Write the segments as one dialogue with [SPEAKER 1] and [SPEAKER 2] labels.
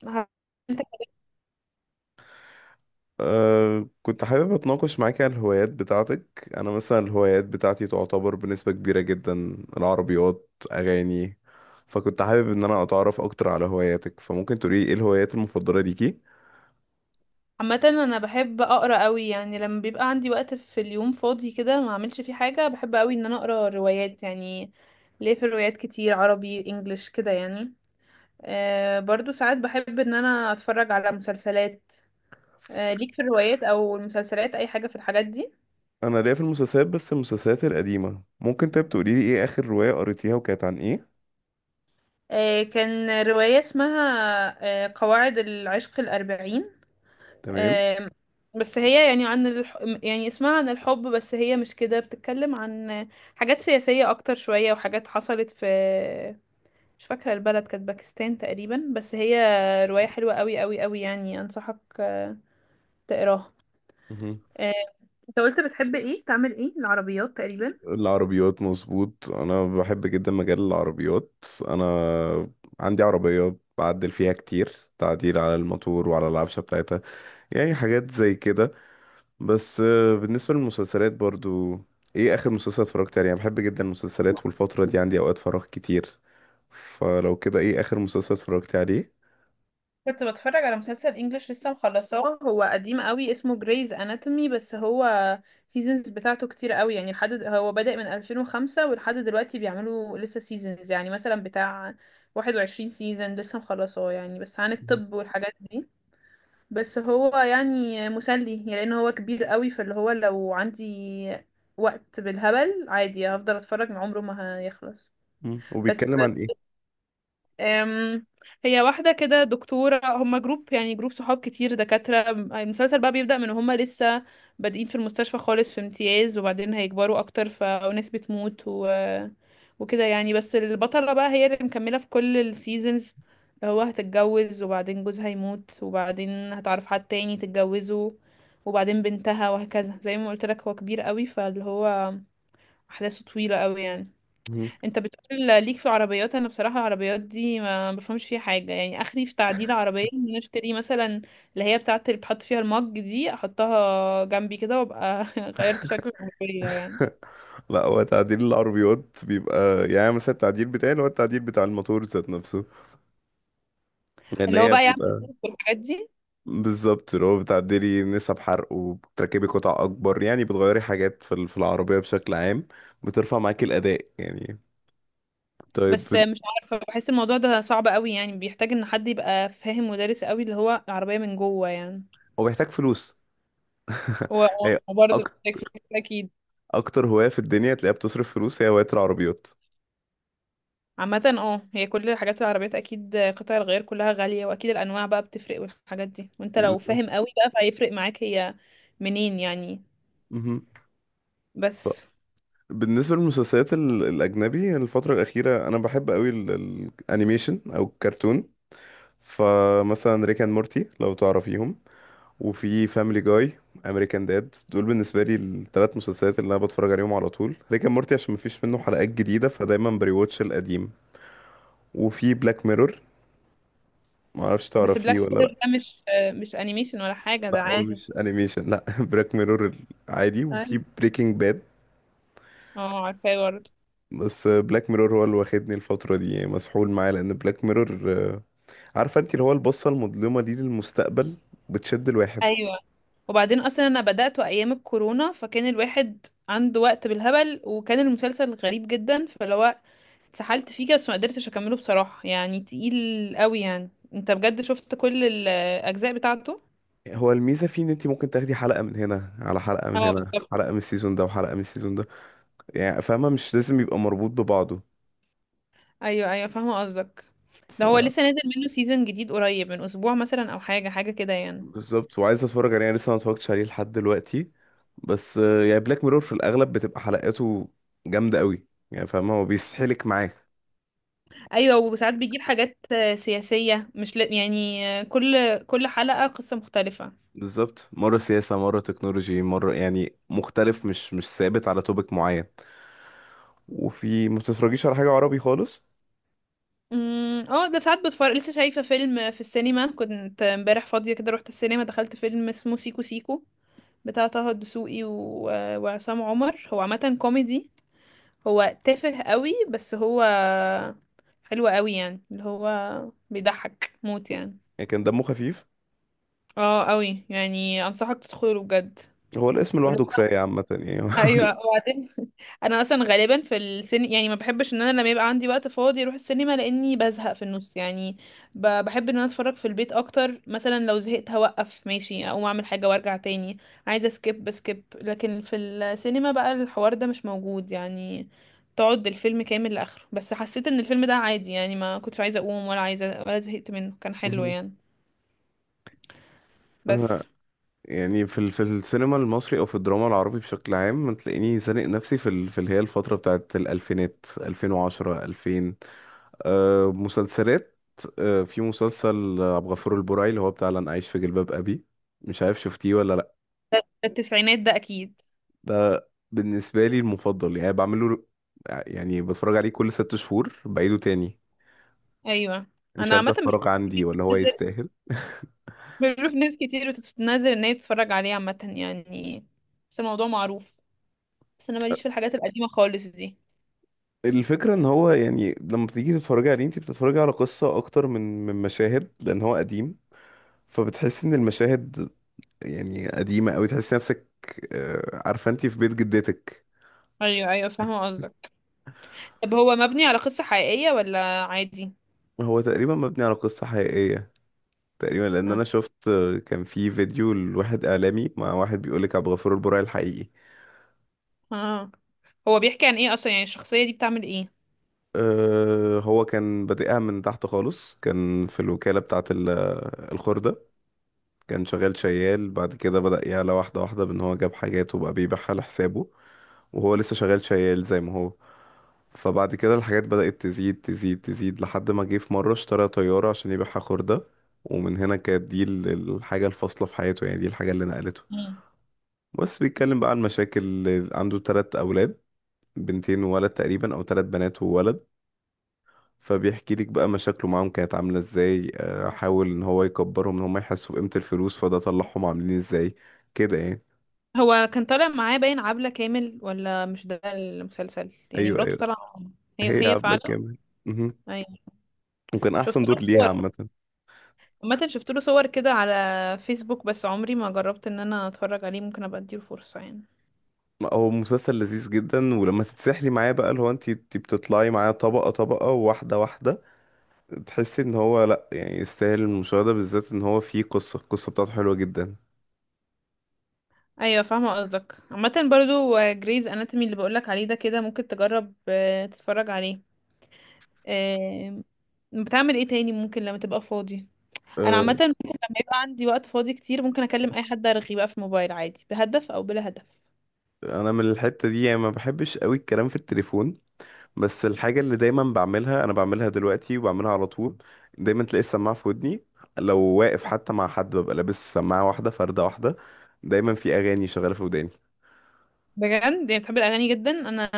[SPEAKER 1] ه-
[SPEAKER 2] كنت حابب اتناقش معاك على الهوايات بتاعتك. انا مثلا الهوايات بتاعتي تعتبر بنسبة كبيرة جدا العربيات اغاني. فكنت حابب ان انا اتعرف اكتر على هواياتك، فممكن تقولي ايه الهوايات المفضلة ليكي؟
[SPEAKER 1] عامة انا بحب اقرا قوي، يعني لما بيبقى عندي وقت في اليوم فاضي كده ما اعملش فيه حاجة، بحب قوي ان انا اقرا روايات يعني. ليه في الروايات كتير عربي انجليش كده يعني. برضو ساعات بحب ان انا اتفرج على مسلسلات. ليك في الروايات او المسلسلات اي حاجة في الحاجات دي؟
[SPEAKER 2] انا ليا في المسلسلات، بس المسلسلات القديمة. ممكن طيب تقولي لي ايه اخر رواية قريتيها وكانت عن ايه؟
[SPEAKER 1] كان رواية اسمها، قواعد العشق الأربعين.
[SPEAKER 2] تمام.
[SPEAKER 1] آم، بس هي يعني عن يعني اسمها عن الحب، بس هي مش كده، بتتكلم عن حاجات سياسية أكتر شوية وحاجات حصلت في، مش فاكرة البلد، كانت باكستان تقريبا. بس هي رواية حلوة قوي قوي قوي يعني، أنصحك تقراها.
[SPEAKER 2] مهم.
[SPEAKER 1] آه، انت قلت بتحب ايه، تعمل ايه، العربيات تقريبا.
[SPEAKER 2] العربيات مظبوط، انا بحب جدا مجال العربيات، انا عندي عربية بعدل فيها كتير، تعديل على الموتور وعلى العفشة بتاعتها، يعني حاجات زي كده. بس بالنسبة للمسلسلات برضو، ايه اخر مسلسل اتفرجت عليه؟ انا بحب جدا المسلسلات والفترة دي عندي اوقات فراغ كتير، فلو كده ايه اخر مسلسل اتفرجت عليه؟
[SPEAKER 1] كنت بتفرج على مسلسل انجليش، لسه مخلصاه، هو قديم قوي، اسمه جريز اناتومي. بس هو سيزونز بتاعته كتير قوي يعني، لحد هو بدأ من 2005 ولحد دلوقتي بيعملوا لسه سيزونز، يعني مثلا بتاع 21 سيزون لسه مخلصاه يعني. بس عن
[SPEAKER 2] مهم.
[SPEAKER 1] الطب والحاجات دي. بس هو يعني مسلي، يعني لان هو كبير قوي، فاللي هو لو عندي وقت بالهبل عادي هفضل اتفرج، من عمره ما هيخلص.
[SPEAKER 2] مم.
[SPEAKER 1] بس
[SPEAKER 2] وبيتكلم عن ايه؟
[SPEAKER 1] أم، هي واحدة كده دكتورة، هما جروب، يعني جروب صحاب كتير دكاترة. المسلسل بقى بيبدأ من هما لسه بادئين في المستشفى خالص، في امتياز، وبعدين هيكبروا أكتر، فناس بتموت وكده يعني. بس البطلة بقى هي اللي مكملة في كل السيزونز. هو هتتجوز وبعدين جوزها يموت، وبعدين هتعرف حد تاني تتجوزه، وبعدين بنتها، وهكذا. زي ما قلت لك، هو كبير قوي فاللي هو أحداثه طويلة قوي يعني.
[SPEAKER 2] مهم.
[SPEAKER 1] انت بتقول ليك في العربيات، انا بصراحه العربيات دي ما بفهمش فيها حاجه. يعني اخري في تعديل عربيه ان أنا اشتري مثلا اللي هي بتاعه، اللي بتحط فيها المج دي، احطها جنبي كده وابقى غيرت شكل العربيه يعني.
[SPEAKER 2] لا، هو تعديل العربيات بيبقى يعني مثلا التعديل بتاعي اللي هو التعديل بتاع الموتور ذات نفسه، لان
[SPEAKER 1] اللي هو
[SPEAKER 2] هي
[SPEAKER 1] بقى يعمل
[SPEAKER 2] بيبقى
[SPEAKER 1] الحاجات دي؟
[SPEAKER 2] بالظبط اللي هو بتعدلي نسب حرق وبتركبي قطع اكبر، يعني بتغيري حاجات في العربيه بشكل عام، بترفع معاكي الاداء يعني. طيب،
[SPEAKER 1] بس مش عارفه، بحس الموضوع ده صعب قوي يعني، بيحتاج ان حد يبقى فاهم ودارس قوي اللي هو العربيه من جوه يعني.
[SPEAKER 2] هو بيحتاج فلوس.
[SPEAKER 1] و-
[SPEAKER 2] هي
[SPEAKER 1] وبرضه
[SPEAKER 2] أك...
[SPEAKER 1] محتاج فلوس اكيد.
[SPEAKER 2] اكتر هواية في الدنيا تلاقيها بتصرف فلوس هي هواية العربيات.
[SPEAKER 1] عامة اه، هي كل الحاجات العربيات اكيد قطع الغيار كلها غالية، واكيد الانواع بقى بتفرق والحاجات دي، وانت لو
[SPEAKER 2] بالظبط.
[SPEAKER 1] فاهم قوي بقى فهيفرق معاك هي منين يعني.
[SPEAKER 2] مهم. ف-
[SPEAKER 1] بس
[SPEAKER 2] بالنسبة للمسلسلات الأجنبي، الفترة الأخيرة أنا بحب أوي الأنيميشن أو الكرتون. فمثلا ريك أند مورتي لو تعرفيهم، وفي فاميلي جاي، أمريكان داد، دول بالنسبة لي الثلاث مسلسلات اللي أنا بتفرج عليهم على طول. ريك أند مورتي عشان مفيش منه حلقات جديدة فدايما بريواتش القديم. وفي بلاك ميرور، معرفش
[SPEAKER 1] بس بلاك
[SPEAKER 2] تعرفيه ولا؟
[SPEAKER 1] بيرر ده مش مش انيميشن ولا حاجة، ده
[SPEAKER 2] لا، هو
[SPEAKER 1] عادي.
[SPEAKER 2] مش انيميشن لا. بلاك ميرور عادي. وفي
[SPEAKER 1] أيوة.
[SPEAKER 2] بريكنج باد.
[SPEAKER 1] اه عارفاه برضه.
[SPEAKER 2] بس بلاك ميرور هو اللي واخدني الفترة دي، يعني مسحول معاه، لأن بلاك ميرور عارفة انت اللي هو البصة المظلمة دي للمستقبل، بتشد الواحد.
[SPEAKER 1] ايوه، وبعدين اصلا انا بدأته ايام الكورونا، فكان الواحد عنده وقت بالهبل، وكان المسلسل غريب جدا، فاللي هو اتسحلت فيه كده. بس ما قدرتش اكمله بصراحة، يعني تقيل قوي يعني. انت بجد شفت كل الاجزاء بتاعته؟
[SPEAKER 2] هو الميزة فيه ان انت ممكن تاخدي حلقة من هنا على حلقة من
[SPEAKER 1] اه
[SPEAKER 2] هنا،
[SPEAKER 1] بالظبط.
[SPEAKER 2] حلقة من السيزون ده وحلقة من السيزون ده، يعني فاهمة، مش لازم يبقى مربوط ببعضه.
[SPEAKER 1] ايوه ايوه فاهمه قصدك.
[SPEAKER 2] ف...
[SPEAKER 1] ده هو لسه نازل منه سيزون جديد قريب، من اسبوع مثلا او حاجه حاجه كده يعني.
[SPEAKER 2] بالظبط، وعايز اتفرج عليه يعني لسه ما اتفرجتش عليه لحد دلوقتي. بس يعني بلاك ميرور في الأغلب بتبقى حلقاته جامدة قوي، يعني فاهمة هو بيسحلك معاه.
[SPEAKER 1] ايوه، وساعات بيجيب حاجات سياسيه، مش ل... يعني كل كل حلقه قصه مختلفه.
[SPEAKER 2] بالظبط، مرة سياسة مرة تكنولوجي مرة، يعني مختلف، مش ثابت على توبيك معين. وفي ما بتتفرجيش على حاجة عربي خالص؟
[SPEAKER 1] اه، ده ساعات بتفرج. لسه شايفه فيلم في السينما، كنت امبارح فاضيه كده، رحت السينما، دخلت فيلم اسمه سيكو سيكو، بتاع طه الدسوقي وعصام عمر. هو عامه كوميدي، هو تافه قوي، بس هو حلو قوي يعني، اللي هو بيضحك موت يعني.
[SPEAKER 2] يعني كان دمه خفيف.
[SPEAKER 1] اه قوي يعني، انصحك تدخله بجد.
[SPEAKER 2] هو الاسم
[SPEAKER 1] قول له
[SPEAKER 2] لوحده كفاية عامة يعني.
[SPEAKER 1] ايوه. وبعدين انا اصلا غالبا في السن يعني ما بحبش ان انا لما يبقى عندي وقت فاضي اروح السينما، لاني بزهق في النص يعني. بحب ان انا اتفرج في البيت اكتر، مثلا لو زهقت هوقف ماشي، اقوم اعمل حاجه وارجع تاني. عايزه سكيب بسكيب. لكن في السينما بقى الحوار ده مش موجود يعني، تقعد الفيلم كامل لاخره. بس حسيت ان الفيلم ده عادي يعني، ما كنتش عايزه اقوم ولا عايزه ولا زهقت منه، كان حلو
[SPEAKER 2] مهم.
[SPEAKER 1] يعني.
[SPEAKER 2] أنا
[SPEAKER 1] بس
[SPEAKER 2] يعني في السينما المصري او في الدراما العربي بشكل عام، تلاقيني زانق نفسي في اللي هي الفترة بتاعت الالفينات، 2010، 2000. أه مسلسلات، أه في مسلسل عبد الغفور البرعي اللي هو بتاع لن اعيش في جلباب ابي. مش عارف شفتيه ولا؟
[SPEAKER 1] ده التسعينات ده اكيد.
[SPEAKER 2] ده بالنسبة لي المفضل يعني بعمله، يعني بتفرج عليه كل 6 شهور بعيده تاني.
[SPEAKER 1] ايوه.
[SPEAKER 2] مش
[SPEAKER 1] انا عامه
[SPEAKER 2] هفضل
[SPEAKER 1] بشوف
[SPEAKER 2] اتفرج، عندي
[SPEAKER 1] كتير
[SPEAKER 2] ولا هو يستاهل.
[SPEAKER 1] بشوف ناس كتير بتنزل ان هي بتتفرج عليه عامه يعني، بس الموضوع معروف. بس انا ماليش في الحاجات القديمه خالص دي.
[SPEAKER 2] الفكرة ان هو يعني لما بتيجي تتفرجي عليه انت بتتفرجي على قصة اكتر من مشاهد، لان هو قديم، فبتحس ان المشاهد يعني قديمة اوي، تحس نفسك عارفة انت في بيت جدتك.
[SPEAKER 1] ايوه ايوه فاهمه قصدك. طب هو مبني على قصه حقيقيه ولا عادي؟
[SPEAKER 2] هو تقريبا مبني على قصة حقيقية تقريبا، لان
[SPEAKER 1] اه.
[SPEAKER 2] انا شفت، كان في فيديو لواحد اعلامي مع واحد بيقولك عبد الغفور البرعي الحقيقي.
[SPEAKER 1] آه. هو بيحكي عن ايه اصلا، يعني الشخصيه دي بتعمل ايه؟
[SPEAKER 2] أه هو كان بادئها من تحت خالص، كان في الوكالة بتاعة الخردة، كان شغال شيال. بعد كده بدأ يعلى واحدة واحدة، بأن هو جاب حاجات وبقى بيبيعها لحسابه وهو لسه شغال شيال زي ما هو. فبعد كده الحاجات بدأت تزيد تزيد تزيد لحد ما جه في مرة اشترى طيارة عشان يبيعها خردة، ومن هنا كانت دي الحاجة الفاصلة في حياته، يعني دي الحاجة اللي نقلته.
[SPEAKER 1] مم.
[SPEAKER 2] بس بيتكلم بقى عن مشاكل، عنده 3 أولاد، بنتين وولد، تقريبا أو 3 بنات وولد. فبيحكي لك بقى مشاكله معاهم كانت عاملة ازاي، حاول ان هو يكبرهم ان هم يحسوا بقيمة الفلوس، فده طلعهم عاملين ازاي كده يعني.
[SPEAKER 1] هو كان طالع معاه باين عبلة كامل ولا مش ده المسلسل، يعني
[SPEAKER 2] ايوه
[SPEAKER 1] مراته
[SPEAKER 2] ايوه،
[SPEAKER 1] طالعه معاه. هي
[SPEAKER 2] هي
[SPEAKER 1] هي
[SPEAKER 2] عبلة
[SPEAKER 1] فعلا.
[SPEAKER 2] كامل. مهم.
[SPEAKER 1] ايوه.
[SPEAKER 2] وكان
[SPEAKER 1] شفت
[SPEAKER 2] احسن
[SPEAKER 1] له،
[SPEAKER 2] دور ليها عامة.
[SPEAKER 1] عامة شفت له صور كده على فيسبوك، بس عمري ما جربت ان انا اتفرج عليه، ممكن ابقى اديله فرصة يعني.
[SPEAKER 2] هو مسلسل لذيذ جدا، ولما تتسحلي معاه بقى اللي هو انت بتطلعي معاه طبقة طبقة، واحدة واحدة، تحسي ان هو لا يعني يستاهل المشاهدة، بالذات ان هو فيه قصة، القصة بتاعته حلوة جدا.
[SPEAKER 1] ايوه فاهمة قصدك. عامة برضو جريز اناتومي اللي بقولك عليه ده، كده ممكن تجرب تتفرج عليه. آه، بتعمل ايه تاني ممكن لما تبقى فاضي؟ انا عامة
[SPEAKER 2] آه،
[SPEAKER 1] ممكن لما يبقى عندي وقت فاضي كتير، ممكن اكلم اي حد، ارغي بقى في الموبايل عادي، بهدف او بلا هدف.
[SPEAKER 2] انا من الحتة دي يعني ما بحبش قوي الكلام في التليفون، بس الحاجة اللي دايما بعملها أنا بعملها دلوقتي وبعملها على طول، دايما تلاقي السماعة في ودني، لو واقف حتى مع حد ببقى لابس سماعة واحدة، فردة واحدة، دايما في أغاني شغالة في وداني.
[SPEAKER 1] بجد؟ يعني بتحب الاغاني جدا. انا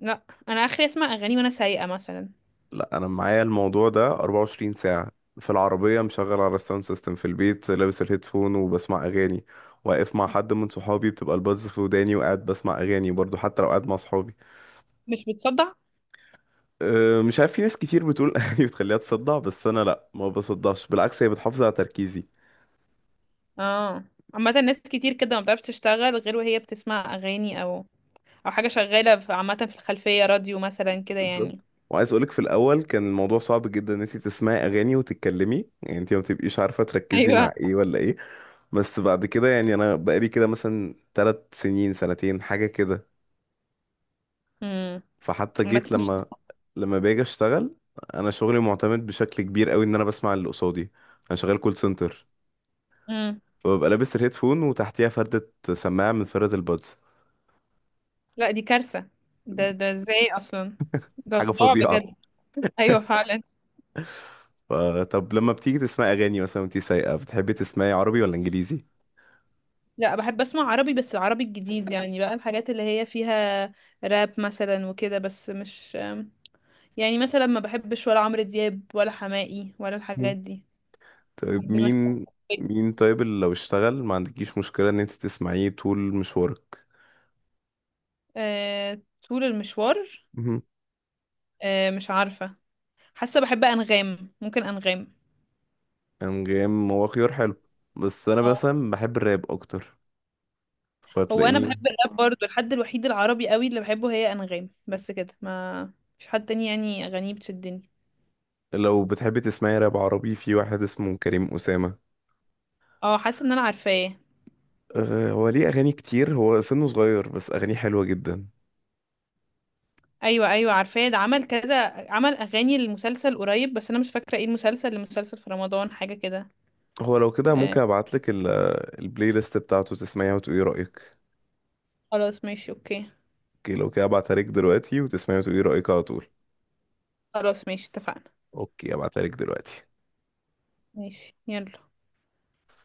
[SPEAKER 1] لا، انا اخري اسمع اغاني وانا سايقة مثلا.
[SPEAKER 2] لا، أنا معايا الموضوع ده 24 ساعة، في العربية مشغل على الساوند سيستم، في البيت لابس الهيدفون وبسمع أغاني، واقف مع حد من صحابي بتبقى البادز في وداني وقاعد بسمع أغاني برضو، حتى لو قاعد مع صحابي.
[SPEAKER 1] مش بتصدع؟
[SPEAKER 2] مش عارف، في ناس كتير بتقول أغاني بتخليها تصدع، بس أنا لا ما بصدعش، بالعكس هي بتحافظ على تركيزي.
[SPEAKER 1] اه. عامة ناس كتير كده ما بتعرفش تشتغل غير وهي بتسمع اغاني، او او حاجة شغالة عامة في الخلفية، راديو مثلا كده يعني.
[SPEAKER 2] بالظبط، وعايز اقولك في الاول كان الموضوع صعب جدا ان انت تسمعي اغاني وتتكلمي، يعني انت ما بتبقيش عارفه تركزي
[SPEAKER 1] ايوه.
[SPEAKER 2] مع ايه ولا ايه. بس بعد كده يعني انا بقالي كده مثلا 3 سنين سنتين حاجه كده.
[SPEAKER 1] امم.
[SPEAKER 2] فحتى جيت لما
[SPEAKER 1] عامة
[SPEAKER 2] باجي اشتغل، انا شغلي معتمد بشكل كبير قوي ان انا بسمع اللي قصادي، انا شغال كول سنتر،
[SPEAKER 1] امم.
[SPEAKER 2] فببقى لابس الهيدفون وتحتيها فردة سماعه من فردة البادز.
[SPEAKER 1] لا دي كارثة. ده ده ازاي اصلا؟ ده
[SPEAKER 2] حاجه
[SPEAKER 1] صداع
[SPEAKER 2] فظيعه.
[SPEAKER 1] بجد. ايوه فعلا.
[SPEAKER 2] فطب لما بتيجي تسمعي اغاني مثلا وانت سايقه بتحبي تسمعي عربي ولا انجليزي؟
[SPEAKER 1] لا بحب اسمع عربي، بس العربي الجديد يعني بقى، الحاجات اللي هي فيها راب مثلا وكده. بس مش يعني مثلا ما بحبش ولا عمرو دياب ولا حماقي ولا الحاجات دي.
[SPEAKER 2] طيب
[SPEAKER 1] بحب مثلا
[SPEAKER 2] مين؟ مين
[SPEAKER 1] ويجز.
[SPEAKER 2] طيب اللي لو اشتغل ما عندكيش مشكلة ان انت تسمعيه طول مشوارك؟
[SPEAKER 1] آه، طول المشوار.
[SPEAKER 2] مهم.
[SPEAKER 1] آه مش عارفة. حاسة بحب أنغام، ممكن أنغام.
[SPEAKER 2] انغام هو خيار حلو، بس انا
[SPEAKER 1] اه.
[SPEAKER 2] مثلا بحب الراب اكتر،
[SPEAKER 1] هو أنا
[SPEAKER 2] فتلاقيني.
[SPEAKER 1] بحب الراب برضو، الحد الوحيد العربي قوي اللي بحبه هي أنغام، بس كده. ما مفيش حد تاني يعني أغانيه بتشدني.
[SPEAKER 2] لو بتحبي تسمعي راب عربي، في واحد اسمه كريم أسامة.
[SPEAKER 1] اه حاسة إن أنا عارفاه.
[SPEAKER 2] أه هو ليه اغاني كتير، هو سنه صغير بس اغانيه حلوة جدا.
[SPEAKER 1] أيوة أيوة عارفاه. ده عمل كذا، عمل أغاني للمسلسل قريب، بس أنا مش فاكرة ايه المسلسل. المسلسل في رمضان، حاجة كده.
[SPEAKER 2] هو لو كده
[SPEAKER 1] آه.
[SPEAKER 2] ممكن ابعتلك البلاي ليست بتاعته تسمعيها وتقولي رأيك.
[SPEAKER 1] خلاص ماشي أوكي.
[SPEAKER 2] اوكي، لو كده ابعتها لك دلوقتي وتسمعيها وتقولي رأيك على طول.
[SPEAKER 1] خلاص ماشي اتفقنا.
[SPEAKER 2] اوكي، ابعتها لك دلوقتي.
[SPEAKER 1] ماشي يلا.